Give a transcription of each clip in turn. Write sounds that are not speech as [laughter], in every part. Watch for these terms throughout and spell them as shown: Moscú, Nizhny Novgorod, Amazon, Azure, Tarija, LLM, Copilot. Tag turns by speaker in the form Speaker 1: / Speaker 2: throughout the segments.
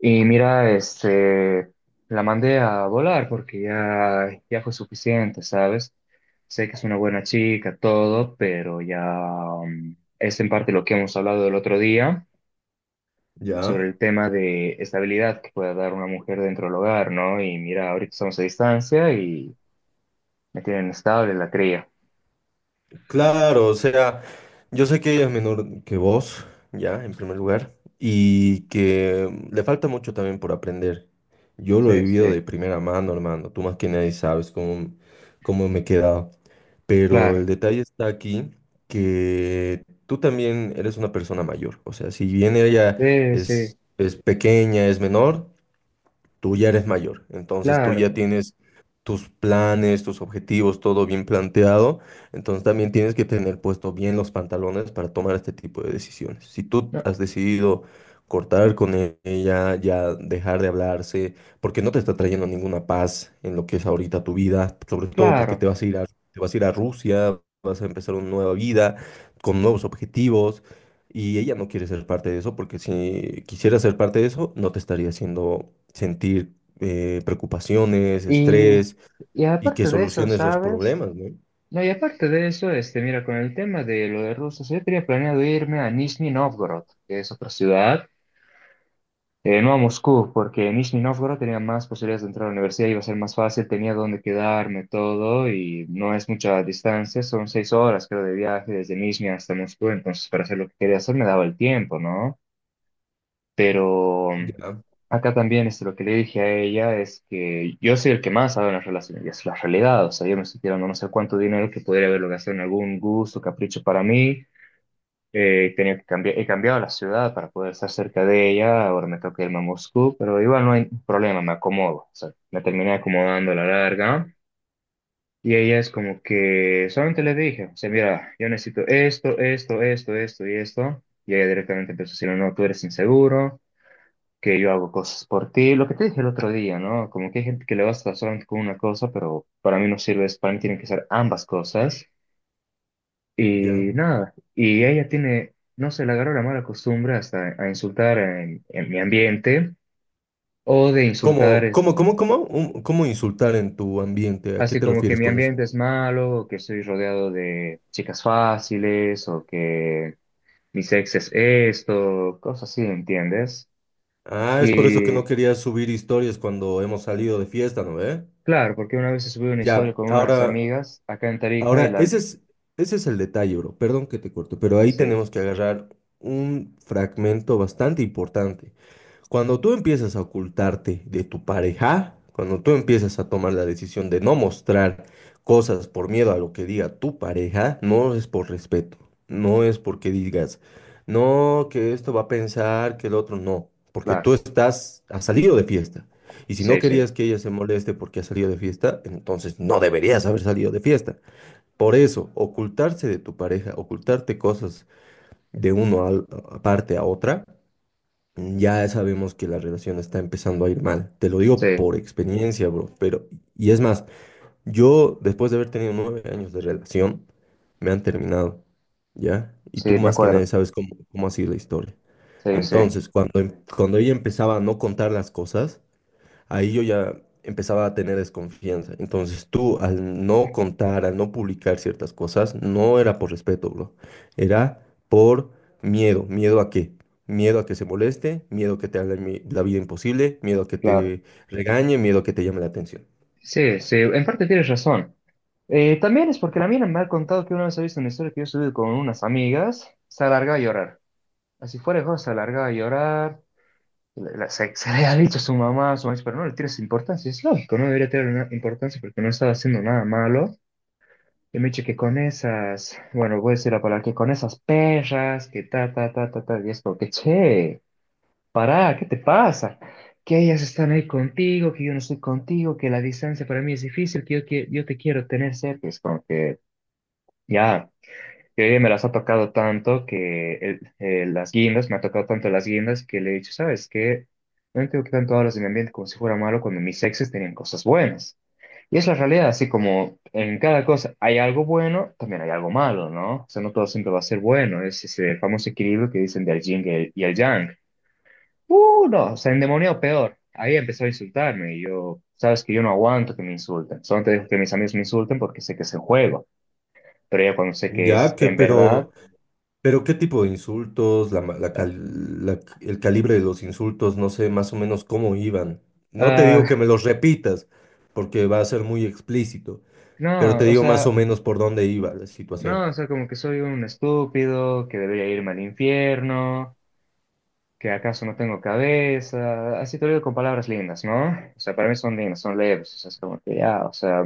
Speaker 1: Y mira, este, la mandé a volar porque ya fue suficiente, ¿sabes? Sé que es una buena chica, todo, pero es en parte lo que hemos hablado el otro día
Speaker 2: Ya,
Speaker 1: sobre el tema de estabilidad que pueda dar una mujer dentro del hogar, ¿no? Y mira, ahorita estamos a distancia y me tienen estable la cría.
Speaker 2: claro, o sea, yo sé que ella es menor que vos, ya, en primer lugar, y que le falta mucho también por aprender. Yo
Speaker 1: Sí,
Speaker 2: lo he
Speaker 1: sí,
Speaker 2: vivido de primera mano, hermano, tú más que nadie sabes cómo me he quedado, pero el
Speaker 1: claro.
Speaker 2: detalle está aquí que tú también eres una persona mayor, o sea, si bien ella
Speaker 1: Sí, sí,
Speaker 2: es pequeña, es menor, tú ya eres mayor, entonces tú ya
Speaker 1: claro.
Speaker 2: tienes tus planes, tus objetivos, todo bien planteado, entonces también tienes que tener puesto bien los pantalones para tomar este tipo de decisiones. Si tú
Speaker 1: No,
Speaker 2: has decidido cortar con ella, ya dejar de hablarse, porque no te está trayendo ninguna paz en lo que es ahorita tu vida, sobre todo porque
Speaker 1: claro.
Speaker 2: te vas a ir a Rusia, vas a empezar una nueva vida con nuevos objetivos. Y ella no quiere ser parte de eso porque si quisiera ser parte de eso, no te estaría haciendo sentir preocupaciones,
Speaker 1: Y,
Speaker 2: estrés
Speaker 1: y
Speaker 2: y que
Speaker 1: aparte de eso,
Speaker 2: soluciones los
Speaker 1: ¿sabes?
Speaker 2: problemas, ¿no?
Speaker 1: No, y aparte de eso, este, mira, con el tema de lo de Rusia, yo tenía planeado irme a Nizhny Novgorod, que es otra ciudad, no a Moscú, porque en Nizhny Novgorod tenía más posibilidades de entrar a la universidad, iba a ser más fácil, tenía dónde quedarme, todo, y no es mucha distancia, son 6 horas, creo, de viaje desde Nizhny hasta Moscú, entonces para hacer lo que quería hacer me daba el tiempo, ¿no? Pero mm,
Speaker 2: Ya,
Speaker 1: Acá también es lo que le dije a ella es que yo soy el que más sabe en las relaciones, y es la realidad. O sea, yo me estoy tirando no sé cuánto dinero que podría haberlo gastado en algún gusto, capricho para mí. Tenía que cambiar, he cambiado la ciudad para poder estar cerca de ella. Ahora me toca irme a Moscú, pero igual no hay problema, me acomodo. O sea, me terminé acomodando a la larga. Y ella es como que solamente le dije, o sea, mira, yo necesito esto, esto, esto, esto y esto. Y ella directamente empezó a decirme, no, tú eres inseguro que yo hago cosas por ti. Lo que te dije el otro día, ¿no? Como que hay gente que le basta solamente con una cosa, pero para mí no sirve eso. Para mí tienen que ser ambas cosas. Y
Speaker 2: ya.
Speaker 1: nada, y ella tiene, no sé, le agarró la mala costumbre hasta a insultar en mi ambiente o de
Speaker 2: ¿Cómo,
Speaker 1: insultar es,
Speaker 2: cómo, cómo, cómo, Un- cómo insultar en tu ambiente? ¿A qué
Speaker 1: así
Speaker 2: te
Speaker 1: como que
Speaker 2: refieres
Speaker 1: mi
Speaker 2: con eso?
Speaker 1: ambiente es malo, o que estoy rodeado de chicas fáciles o que mi sexo es esto, cosas así, ¿entiendes?
Speaker 2: Ah, es por eso que no
Speaker 1: Y
Speaker 2: querías subir historias cuando hemos salido de fiesta, ¿no ve?
Speaker 1: claro, porque una vez subí una historia
Speaker 2: Ya,
Speaker 1: con unas
Speaker 2: ahora,
Speaker 1: amigas acá en Tarija y
Speaker 2: Ahora,
Speaker 1: la,
Speaker 2: ese es el detalle, bro. Perdón que te corto, pero ahí
Speaker 1: sí,
Speaker 2: tenemos que agarrar un fragmento bastante importante. Cuando tú empiezas a ocultarte de tu pareja, cuando tú empiezas a tomar la decisión de no mostrar cosas por miedo a lo que diga tu pareja, no es por respeto, no es porque digas, no, que esto va a pensar, que el otro no, porque
Speaker 1: claro.
Speaker 2: tú estás, has salido de fiesta. Y si no
Speaker 1: Sí, sí,
Speaker 2: querías que ella se moleste porque has salido de fiesta, entonces no deberías haber salido de fiesta. Por eso, ocultarse de tu pareja, ocultarte cosas de uno a, parte a otra, ya sabemos que la relación está empezando a ir mal. Te lo digo
Speaker 1: sí,
Speaker 2: por experiencia, bro. Pero, y es más, yo después de haber tenido 9 años de relación, me han terminado, ¿ya? Y tú
Speaker 1: sí, me
Speaker 2: más que nadie
Speaker 1: acuerdo.
Speaker 2: sabes cómo ha sido la historia.
Speaker 1: Sí, sí,
Speaker 2: Entonces, cuando ella empezaba a no contar las cosas, ahí yo ya empezaba a tener desconfianza. Entonces tú, al no contar, al no publicar ciertas cosas, no era por respeto, bro. Era por miedo. ¿Miedo a qué? Miedo a que se moleste, miedo a que te haga la vida imposible, miedo a que
Speaker 1: claro.
Speaker 2: te regañe, miedo a que te llame la atención.
Speaker 1: Sí, sí, en parte tienes razón. También es porque la mina me ha contado que una vez ha visto una historia que yo subí con unas amigas, se alargaba a llorar. Así fuera de juego, se alargaba a llorar. Se le ha dicho a su mamá, pero no le tienes importancia. Es lógico, no debería tener una importancia porque no estaba haciendo nada malo. Y me dice que con esas, bueno, voy a decir la palabra, que con esas perras, que ta, ta, ta, ta, ta, y es como que, che. Pará, ¿qué te pasa? Que ellas están ahí contigo, que yo no estoy contigo, que la distancia para mí es difícil, que yo, yo te quiero tener cerca. Es como que ya, que me las ha tocado tanto que las guindas, me ha tocado tanto las guindas que le he dicho, ¿sabes qué? No entiendo que tanto hablas de mi ambiente como si fuera malo cuando mis exes tenían cosas buenas. Y es la realidad, así como en cada cosa hay algo bueno, también hay algo malo, ¿no? O sea, no todo siempre va a ser bueno, es ese famoso equilibrio que dicen del yin y el yang. No, se endemonió peor. Ahí empezó a insultarme y yo, sabes que yo no aguanto que me insulten. Solo te dejo que mis amigos me insulten porque sé que es en juego. Pero ya cuando sé que es
Speaker 2: Ya,
Speaker 1: en verdad,
Speaker 2: pero ¿qué tipo de insultos? La, ma- la
Speaker 1: ah,
Speaker 2: cal- la- el calibre de los insultos, no sé más o menos cómo iban. No te digo que
Speaker 1: ah,
Speaker 2: me los repitas, porque va a ser muy explícito. Pero te
Speaker 1: no, o
Speaker 2: digo más o
Speaker 1: sea,
Speaker 2: menos por dónde iba la situación.
Speaker 1: no, o sea, como que soy un estúpido, que debería irme al infierno, que acaso no tengo cabeza. Así te lo digo con palabras lindas, ¿no? O sea, para mí son lindas, son leves, o sea, es como que ya, o sea,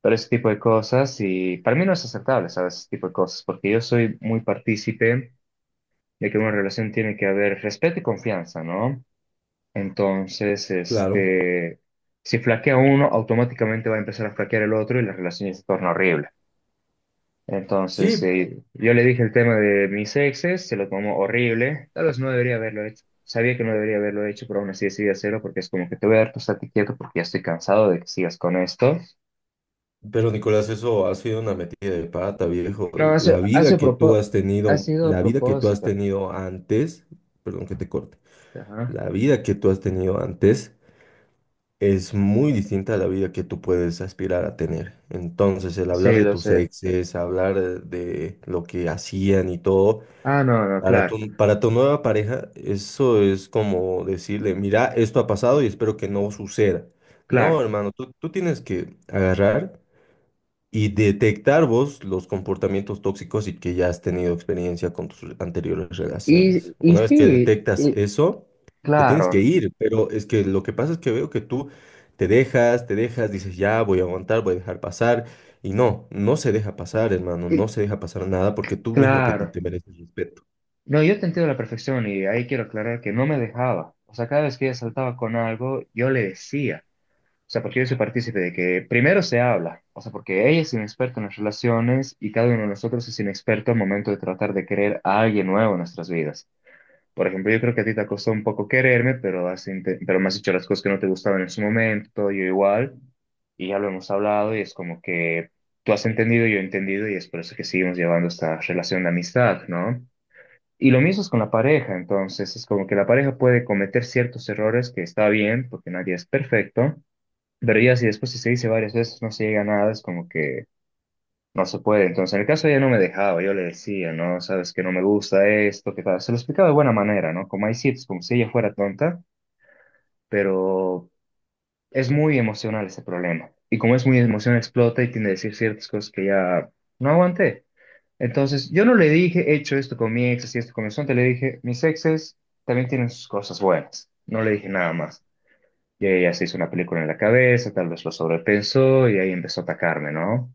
Speaker 1: pero ese tipo de cosas y para mí no es aceptable, ¿sabes? Ese tipo de cosas, porque yo soy muy partícipe. Ya que en una relación tiene que haber respeto y confianza, ¿no? Entonces,
Speaker 2: Claro.
Speaker 1: este, si flaquea uno, automáticamente va a empezar a flaquear el otro y la relación ya se torna horrible. Entonces,
Speaker 2: Sí,
Speaker 1: yo le dije el tema de mis exes, se lo tomó horrible, tal vez no debería haberlo hecho. Sabía que no debería haberlo hecho, pero aún así decidí hacerlo porque es como que te voy a dar tu estate quieto porque ya estoy cansado de que sigas con esto.
Speaker 2: pero Nicolás, eso ha sido una metida de pata, viejo.
Speaker 1: No,
Speaker 2: La vida que tú has
Speaker 1: ha
Speaker 2: tenido,
Speaker 1: sido a
Speaker 2: la vida que tú has
Speaker 1: propósito.
Speaker 2: tenido antes, perdón que te corte,
Speaker 1: Ajá.
Speaker 2: la vida que tú has tenido antes es muy distinta a la vida que tú puedes aspirar a tener. Entonces, el hablar
Speaker 1: Sí,
Speaker 2: de
Speaker 1: lo
Speaker 2: tus
Speaker 1: sé.
Speaker 2: exes, hablar de lo que hacían y todo,
Speaker 1: Ah, no, no,
Speaker 2: Para
Speaker 1: claro.
Speaker 2: tu, para tu nueva pareja, eso es como decirle, mira, esto ha pasado y espero que no suceda. No,
Speaker 1: Claro.
Speaker 2: hermano, tú tienes que agarrar y detectar vos los comportamientos tóxicos y que ya has tenido experiencia con tus anteriores
Speaker 1: Y,
Speaker 2: relaciones.
Speaker 1: y
Speaker 2: Una vez que
Speaker 1: sí,
Speaker 2: detectas
Speaker 1: y-
Speaker 2: eso, te tienes que
Speaker 1: claro,
Speaker 2: ir, pero es que lo que pasa es que veo que tú te dejas, dices, ya voy a aguantar, voy a dejar pasar. Y no, no se deja pasar, hermano,
Speaker 1: y-
Speaker 2: no se deja pasar nada porque tú mismo te,
Speaker 1: claro.
Speaker 2: te mereces respeto.
Speaker 1: No, yo te entiendo a la perfección y ahí quiero aclarar que no me dejaba. O sea, cada vez que ella saltaba con algo, yo le decía. O sea, porque yo soy partícipe de que primero se habla. O sea, porque ella es inexperta en las relaciones y cada uno de nosotros es inexperto al momento de tratar de querer a alguien nuevo en nuestras vidas. Por ejemplo, yo creo que a ti te ha costado un poco quererme, pero pero me has dicho las cosas que no te gustaban en su momento, yo igual, y ya lo hemos hablado y es como que tú has entendido, yo he entendido y es por eso que seguimos llevando esta relación de amistad, ¿no? Y lo mismo es con la pareja, entonces es como que la pareja puede cometer ciertos errores que está bien, porque nadie es perfecto, pero ya si después si se dice varias veces no se llega a nada, es como que no se puede. Entonces, en el caso ella no me dejaba, yo le decía, no, sabes que no me gusta esto, que tal. Se lo explicaba de buena manera, ¿no? Como hay sitios, como si ella fuera tonta, pero es muy emocional ese problema. Y como es muy emocional, explota y tiende a decir ciertas cosas que ya no aguanté. Entonces, yo no le dije, he hecho esto con mi ex, y esto con mi sonte, le dije, mis exes también tienen sus cosas buenas. No le dije nada más. Y ella se hizo una película en la cabeza, tal vez lo sobrepensó y ahí empezó a atacarme, ¿no?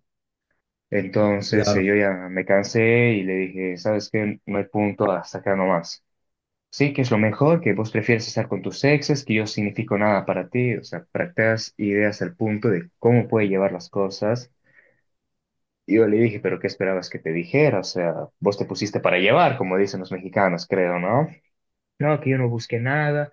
Speaker 1: Entonces
Speaker 2: Claro.
Speaker 1: yo ya me cansé y le dije, ¿sabes qué? No hay punto hasta acá nomás. Sí, que es lo mejor, que vos prefieres estar con tus exes, que yo significo nada para ti, o sea, para que te hagas ideas al punto de cómo puede llevar las cosas. Y yo le dije, pero ¿qué esperabas que te dijera? O sea, vos te pusiste para llevar, como dicen los mexicanos, creo, ¿no? No, que yo no busqué nada,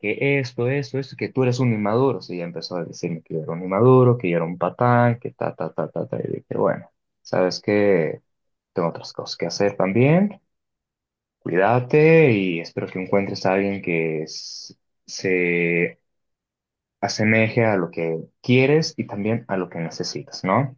Speaker 1: que esto, que tú eres un inmaduro. Sí, ya empezó a decirme que yo era un inmaduro, que yo era un patán, que ta, ta, ta, ta, ta. Y dije, bueno, ¿sabes qué? Tengo otras cosas que hacer también. Cuídate y espero que encuentres a alguien que se asemeje a lo que quieres y también a lo que necesitas, ¿no?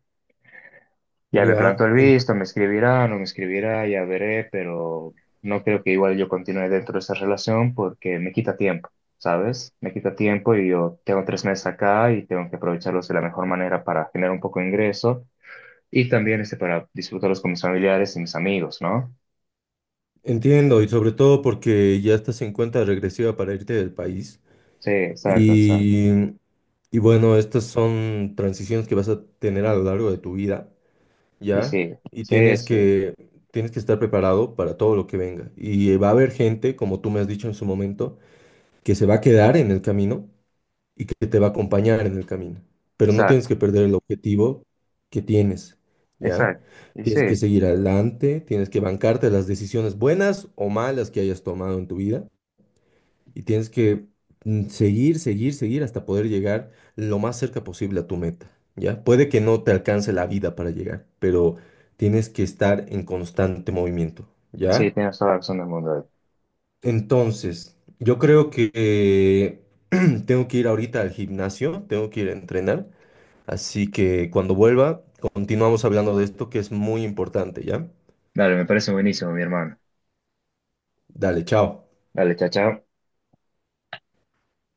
Speaker 1: Ya me planto
Speaker 2: Ya,
Speaker 1: el visto, me escribirá, no me escribirá, ya veré, pero no creo que igual yo continúe dentro de esa relación porque me quita tiempo, ¿sabes? Me quita tiempo y yo tengo 3 meses acá y tengo que aprovecharlos de la mejor manera para generar un poco de ingreso y también este para disfrutarlos con mis familiares y mis amigos, ¿no?
Speaker 2: entiendo, y sobre todo porque ya estás en cuenta regresiva para irte del país.
Speaker 1: Sí, exacto, exacto.
Speaker 2: Y, y bueno, estas son transiciones que vas a tener a lo largo de tu vida,
Speaker 1: Y
Speaker 2: ¿ya?
Speaker 1: sí,
Speaker 2: Y
Speaker 1: sí,
Speaker 2: tienes
Speaker 1: sí,
Speaker 2: que, tienes que estar preparado para todo lo que venga. Y va a haber gente, como tú me has dicho en su momento, que se va a quedar en el camino y que te va a acompañar en el camino. Pero no tienes
Speaker 1: exacto,
Speaker 2: que perder el objetivo que tienes, ¿ya?
Speaker 1: exacto. Y sí,
Speaker 2: Tienes que seguir adelante, tienes que bancarte las decisiones buenas o malas que hayas tomado en tu vida y tienes que seguir hasta poder llegar lo más cerca posible a tu meta, ¿ya? Puede que no te alcance la vida para llegar, pero tienes que estar en constante movimiento,
Speaker 1: sí,
Speaker 2: ¿ya?
Speaker 1: tienes toda la razón del mundo.
Speaker 2: Entonces, yo creo que [clears throat] tengo que ir ahorita al gimnasio, tengo que ir a entrenar. Así que cuando vuelva, continuamos hablando de esto que es muy importante, ¿ya?
Speaker 1: Dale, me parece buenísimo, mi hermano.
Speaker 2: Dale, chao.
Speaker 1: Dale, chao, chao.